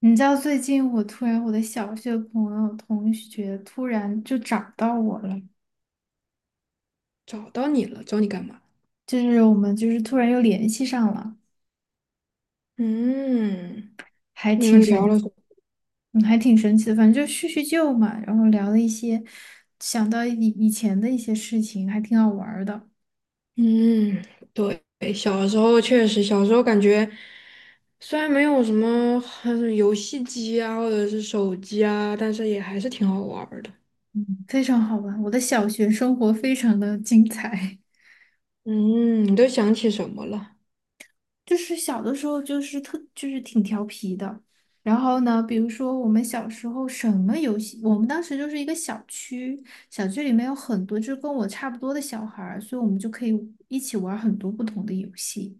你知道最近我突然我的小学朋友同学突然就找到我了，找到你了，找你干嘛？就是我们就是突然又联系上了，嗯。还你挺们聊神，了什么？嗯还挺神奇的。反正就叙叙旧嘛，然后聊了一些，想到以前的一些事情，还挺好玩儿的，嗯，对，小时候确实，小时候感觉虽然没有什么很游戏机啊，或者是手机啊，但是也还是挺好玩儿的。嗯，非常好玩。我的小学生活非常的精彩。嗯，你都想起什么了？就是小的时候就是特就是挺调皮的，然后呢，比如说我们小时候什么游戏，我们当时就是一个小区，小区里面有很多就跟我差不多的小孩儿，所以我们就可以一起玩很多不同的游戏。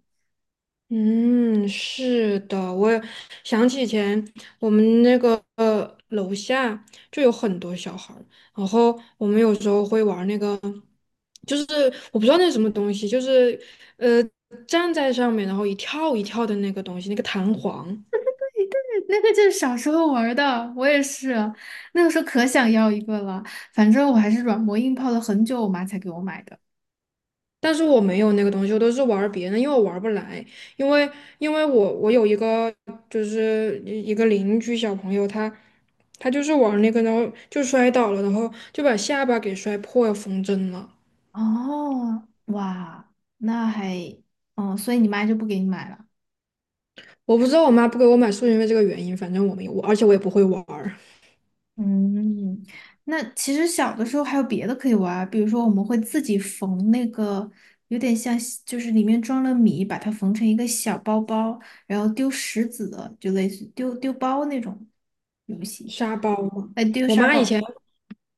嗯，是的，我也想起以前我们那个楼下就有很多小孩儿，然后我们有时候会玩那个，就是我不知道那是什么东西，就是呃站在上面然后一跳一跳的那个东西，那个弹簧。那个就是小时候玩儿的，我也是，那个时候可想要一个了，反正我还是软磨硬泡了很久，我妈才给我买的。但是我没有那个东西，我都是玩儿别人的，因为我玩儿不来。因为因为我有一个一个邻居小朋友，他就是玩儿那个，然后就摔倒了，然后就把下巴给摔破，要缝针了。哦，哇，那还，哦，所以你妈就不给你买了。我不知道我妈不给我买是不因为这个原因，反正我没有，而且我也不会玩儿。嗯，那其实小的时候还有别的可以玩儿，比如说我们会自己缝那个，有点像西，就是里面装了米，把它缝成一个小包包，然后丢石子的，就类似丢丢包那种游戏，沙包吗？哎，丢我沙妈以包。前，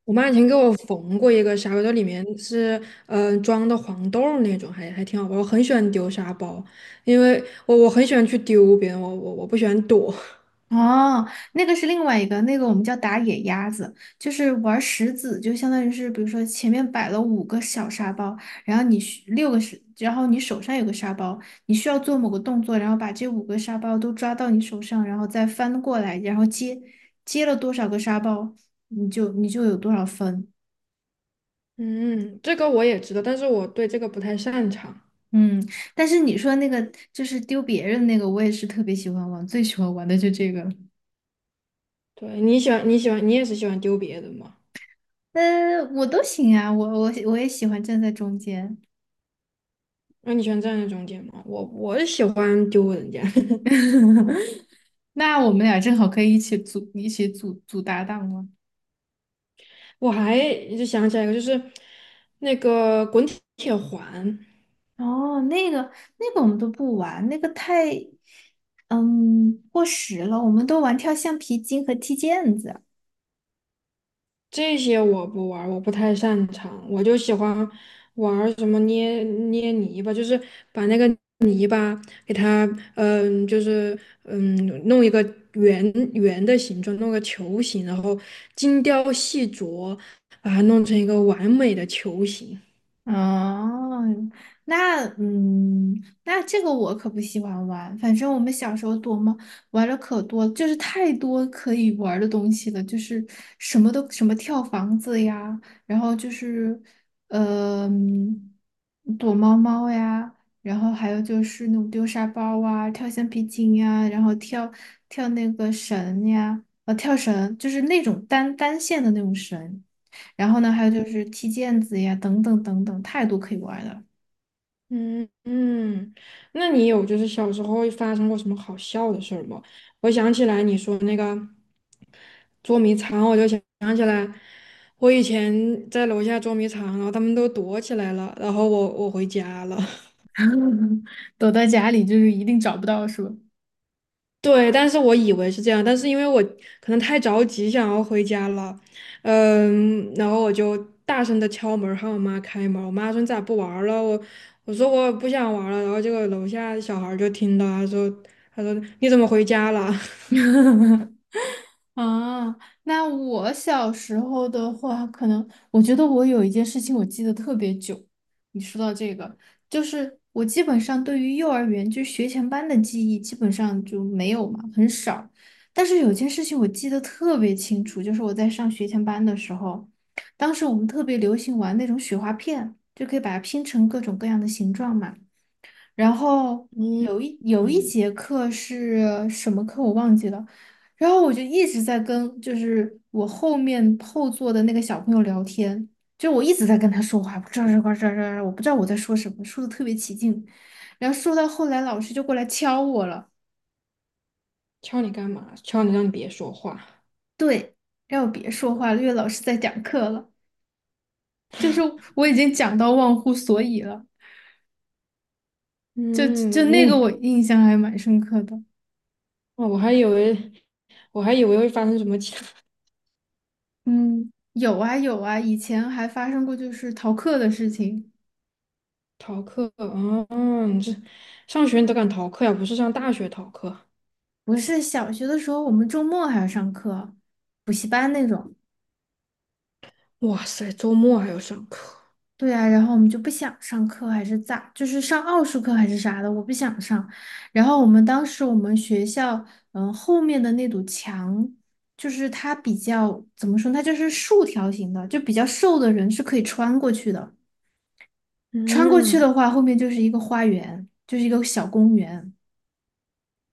我妈以前给我缝过一个沙包，它里面是装的黄豆儿那种，还挺好玩。我很喜欢丢沙包，因为我很喜欢去丢别人，我不喜欢躲。哦，那个是另外一个，那个我们叫打野鸭子，就是玩石子，就相当于是，比如说前面摆了5个小沙包，然后你需六个是，然后你手上有个沙包，你需要做某个动作，然后把这5个沙包都抓到你手上，然后再翻过来，然后接接了多少个沙包，你就有多少分。嗯，这个我也知道，但是我对这个不太擅长。嗯，但是你说那个就是丢别人那个，我也是特别喜欢玩，最喜欢玩的就这个了。对，你也是喜欢丢别人吗？我都行啊，我也喜欢站在中间。那你喜欢站在中间吗？我喜欢丢人家。那我们俩正好可以一起组搭档了。我还就想起来一个，就是那个滚铁环。哦，那个那个我们都不玩，那个太，嗯，过时了。我们都玩跳橡皮筋和踢毽子。这些我不玩儿，我不太擅长，我就喜欢玩儿什么捏捏泥巴，就是把那个泥巴给它，就是嗯，弄一个圆圆的形状，弄个球形，然后精雕细琢，把它弄成一个完美的球形。哦，那嗯，那这个我可不喜欢玩。反正我们小时候躲猫玩了可多，就是太多可以玩儿的东西了，就是什么都什么跳房子呀，然后就是呃躲猫猫呀，然后还有就是那种丢沙包啊、跳橡皮筋呀，然后跳那个绳呀，跳绳，就是那种单线的那种绳。然后呢，还有就是踢毽子呀，等等等等，太多可以玩儿了，嗯嗯，那你有就是小时候发生过什么好笑的事儿吗？我想起来你说那个捉迷藏，我就想起来，我以前在楼下捉迷藏，然后他们都躲起来了，然后我回家了。躲在家里就是一定找不到，是吧？对，但是我以为是这样，但是因为我可能太着急想要回家了，嗯，然后我就大声的敲门喊我妈开门，我妈说你咋不玩儿了？我说我不想玩儿了。然后结果楼下小孩儿就听到，他说你怎么回家了？啊，那我小时候的话，可能我觉得我有一件事情我记得特别久。你说到这个，就是我基本上对于幼儿园就学前班的记忆基本上就没有嘛，很少。但是有件事情我记得特别清楚，就是我在上学前班的时候，当时我们特别流行玩那种雪花片，就可以把它拼成各种各样的形状嘛。然后嗯有一嗯，节课是什么课我忘记了，然后我就一直在跟就是我后座的那个小朋友聊天，就我一直在跟他说话，这这这这这，我不知道我在说什么，说的特别起劲，然后说到后来老师就过来敲我了，敲你干嘛？敲你让你别说话。对，让我别说话了，因为老师在讲课了，就是我已经讲到忘乎所以了，就嗯，那那个你。我印象还蛮深刻的。哦，我还以为会发生什么其他。 嗯，有啊有啊，以前还发生过就是逃课的事情。逃课。嗯，你这上学你都敢逃课呀？不是上大学逃课。不是小学的时候，我们周末还要上课，补习班那种。哇塞，周末还要上课，对啊，然后我们就不想上课，还是咋？就是上奥数课还是啥的，我不想上。然后我们学校，嗯，后面的那堵墙，就是它比较怎么说呢，它就是竖条形的，就比较瘦的人是可以穿过去的。穿过去嗯的话，后面就是一个花园，就是一个小公园。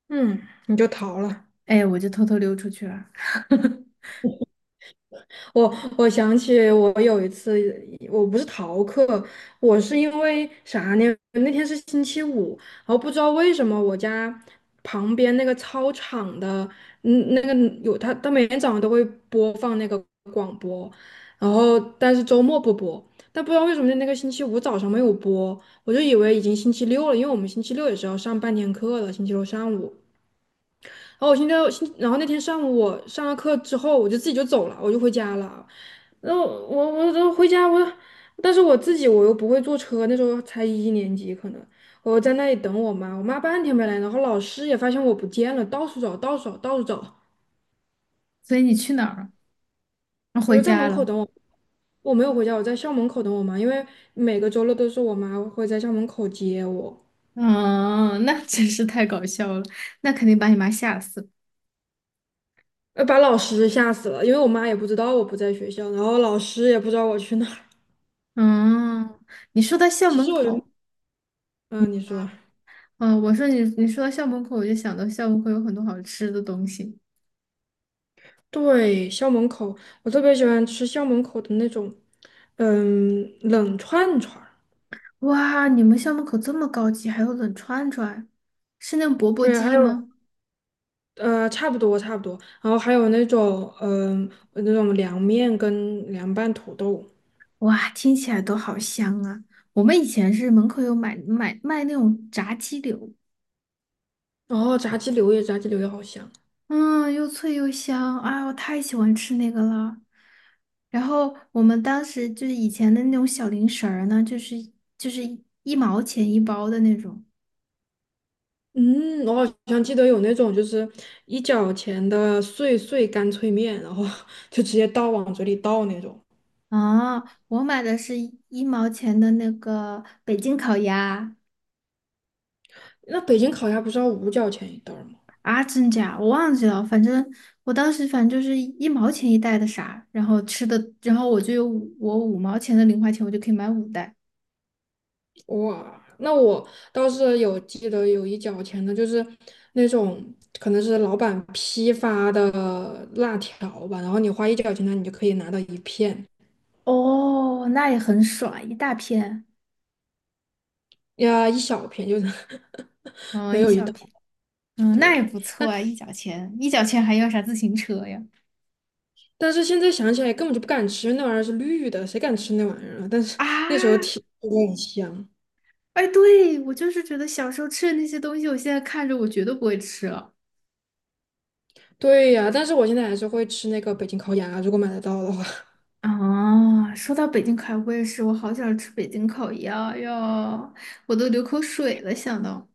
嗯，你就逃了。哎，我就偷偷溜出去了。我我想起我有一次，我不是逃课，我是因为啥呢？那天是星期五，然后不知道为什么我家旁边那个操场的，那个有他，他每天早上都会播放那个广播，然后但是周末不播，但不知道为什么那个星期五早上没有播，我就以为已经星期六了，因为我们星期六也是要上半天课的，星期六上午。然后我现在，现然后那天上午我上了课之后，我就自己就走了，我就回家了。然后我我我回家我，但是我自己又不会坐车，那时候才一年级可能，我在那里等我妈，我妈半天没来，然后老师也发现我不见了，到处找，到处找，到处找，所以你去哪儿了？啊，我回就在门家口了。我没有回家，我在校门口等我妈，因为每个周六都是我妈会在校门口接我，嗯，那真是太搞笑了，那肯定把你妈吓死。把老师吓死了，因为我妈也不知道我不在学校，然后老师也不知道我去哪儿。嗯，你说到校其实门我觉得。口，嗯，你说。嗯，我说你说到校门口，我就想到校门口有很多好吃的东西。对，校门口，我特别喜欢吃校门口的那种，冷串串儿。哇，你们校门口这么高级，还有冷串串，是那种钵钵对，还鸡有吗？差不多差不多，然后还有那种，那种凉面跟凉拌土豆，哇，听起来都好香啊！我们以前是门口有买卖那种炸鸡柳，然后炸鸡柳也好香。嗯，又脆又香，啊，我太喜欢吃那个了。然后我们当时就是以前的那种小零食儿呢，就是1毛钱1包的那种嗯，我好像记得有那种就是一角钱的碎碎干脆面，然后 就直接倒往嘴里倒那种。啊。我买的是一毛钱的那个北京烤鸭，那北京烤鸭不是要5角钱一袋儿吗？啊，真假我忘记了，反正我当时反正就是1毛钱1袋的啥，然后吃的，然后我就有我五毛钱的零花钱，我就可以买5袋。哇，那我倒是有记得有一角钱的，就是那种可能是老板批发的辣条吧，然后你花一角钱呢，你就可以拿到一片，哦，那也很爽，一大片，呀，一小片，就是 嗯，没一有一小大片。嗯，那堆。也不错但啊，一角钱，一角钱还要啥自行车呀？但是现在想起来根本就不敢吃，那玩意儿是绿的，谁敢吃那玩意儿啊？但是那时候啊，挺觉得很香。哎，对，我就是觉得小时候吃的那些东西，我现在看着我绝对不会吃了。对呀，但是我现在还是会吃那个北京烤鸭，如果买得到的话。啊，说到北京烤鸭，我也是，我好想吃北京烤鸭呀，我都流口水了，想到。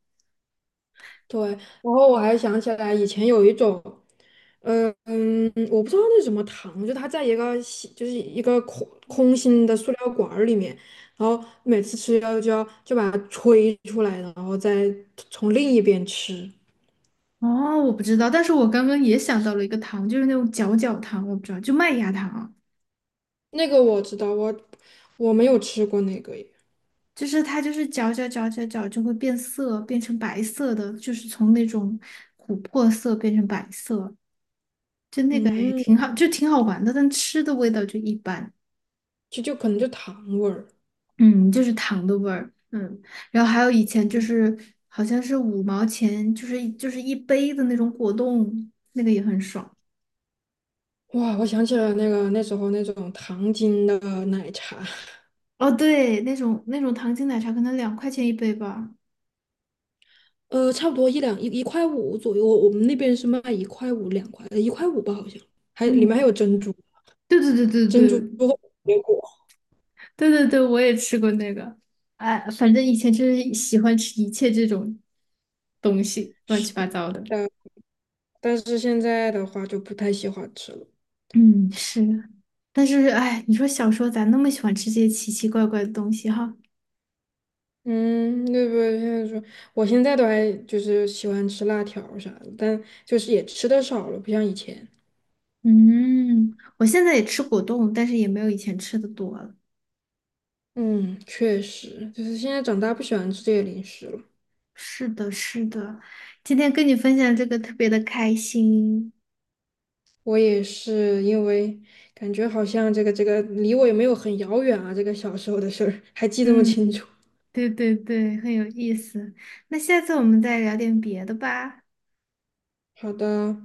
对，然后我还想起来以前有一种，嗯嗯，我不知道那什么糖，就它在一个吸就是一个空心的塑料管儿里面，然后每次吃要就要就把它吹出来，然后再从另一边吃。哦，我不知道，但是我刚刚也想到了一个糖，就是那种搅搅糖，我不知道，就麦芽糖，那个我知道，我没有吃过那个耶，就是它就是搅搅搅搅搅就会变色，变成白色的，就是从那种琥珀色变成白色。就那个也嗯，挺好，就挺好玩的，但吃的味道就一般，就可能就糖味儿。嗯，就是糖的味儿，嗯，然后还有以前就是好像是五毛钱，就是一杯的那种果冻，那个也很爽。哇，我想起了那个那时候那种糖精的奶茶。哦，对，那种糖精奶茶可能2块钱1杯吧。差不多一两一一块五左右，我们那边是卖一块五2块，一块五吧，好像。还里面嗯，还有珍珠，对对对对珍珠和对水果，对对对，我也吃过那个。哎，反正以前就是喜欢吃一切这种东西，乱七八糟的。但但是现在的话就不太喜欢吃了。嗯，是。但是，哎，你说小时候咋那么喜欢吃这些奇奇怪怪的东西哈？嗯，对不对？现在说，我现在都还就是喜欢吃辣条啥的，但就是也吃的少了，不像以前。嗯，我现在也吃果冻，但是也没有以前吃的多了。嗯，确实，就是现在长大不喜欢吃这些零食了。是的，是的，今天跟你分享这个特别的开心。我也是因为感觉好像这个离我也没有很遥远啊，这个小时候的事儿还记那么嗯，清楚。对对对，很有意思。那下次我们再聊点别的吧。好的。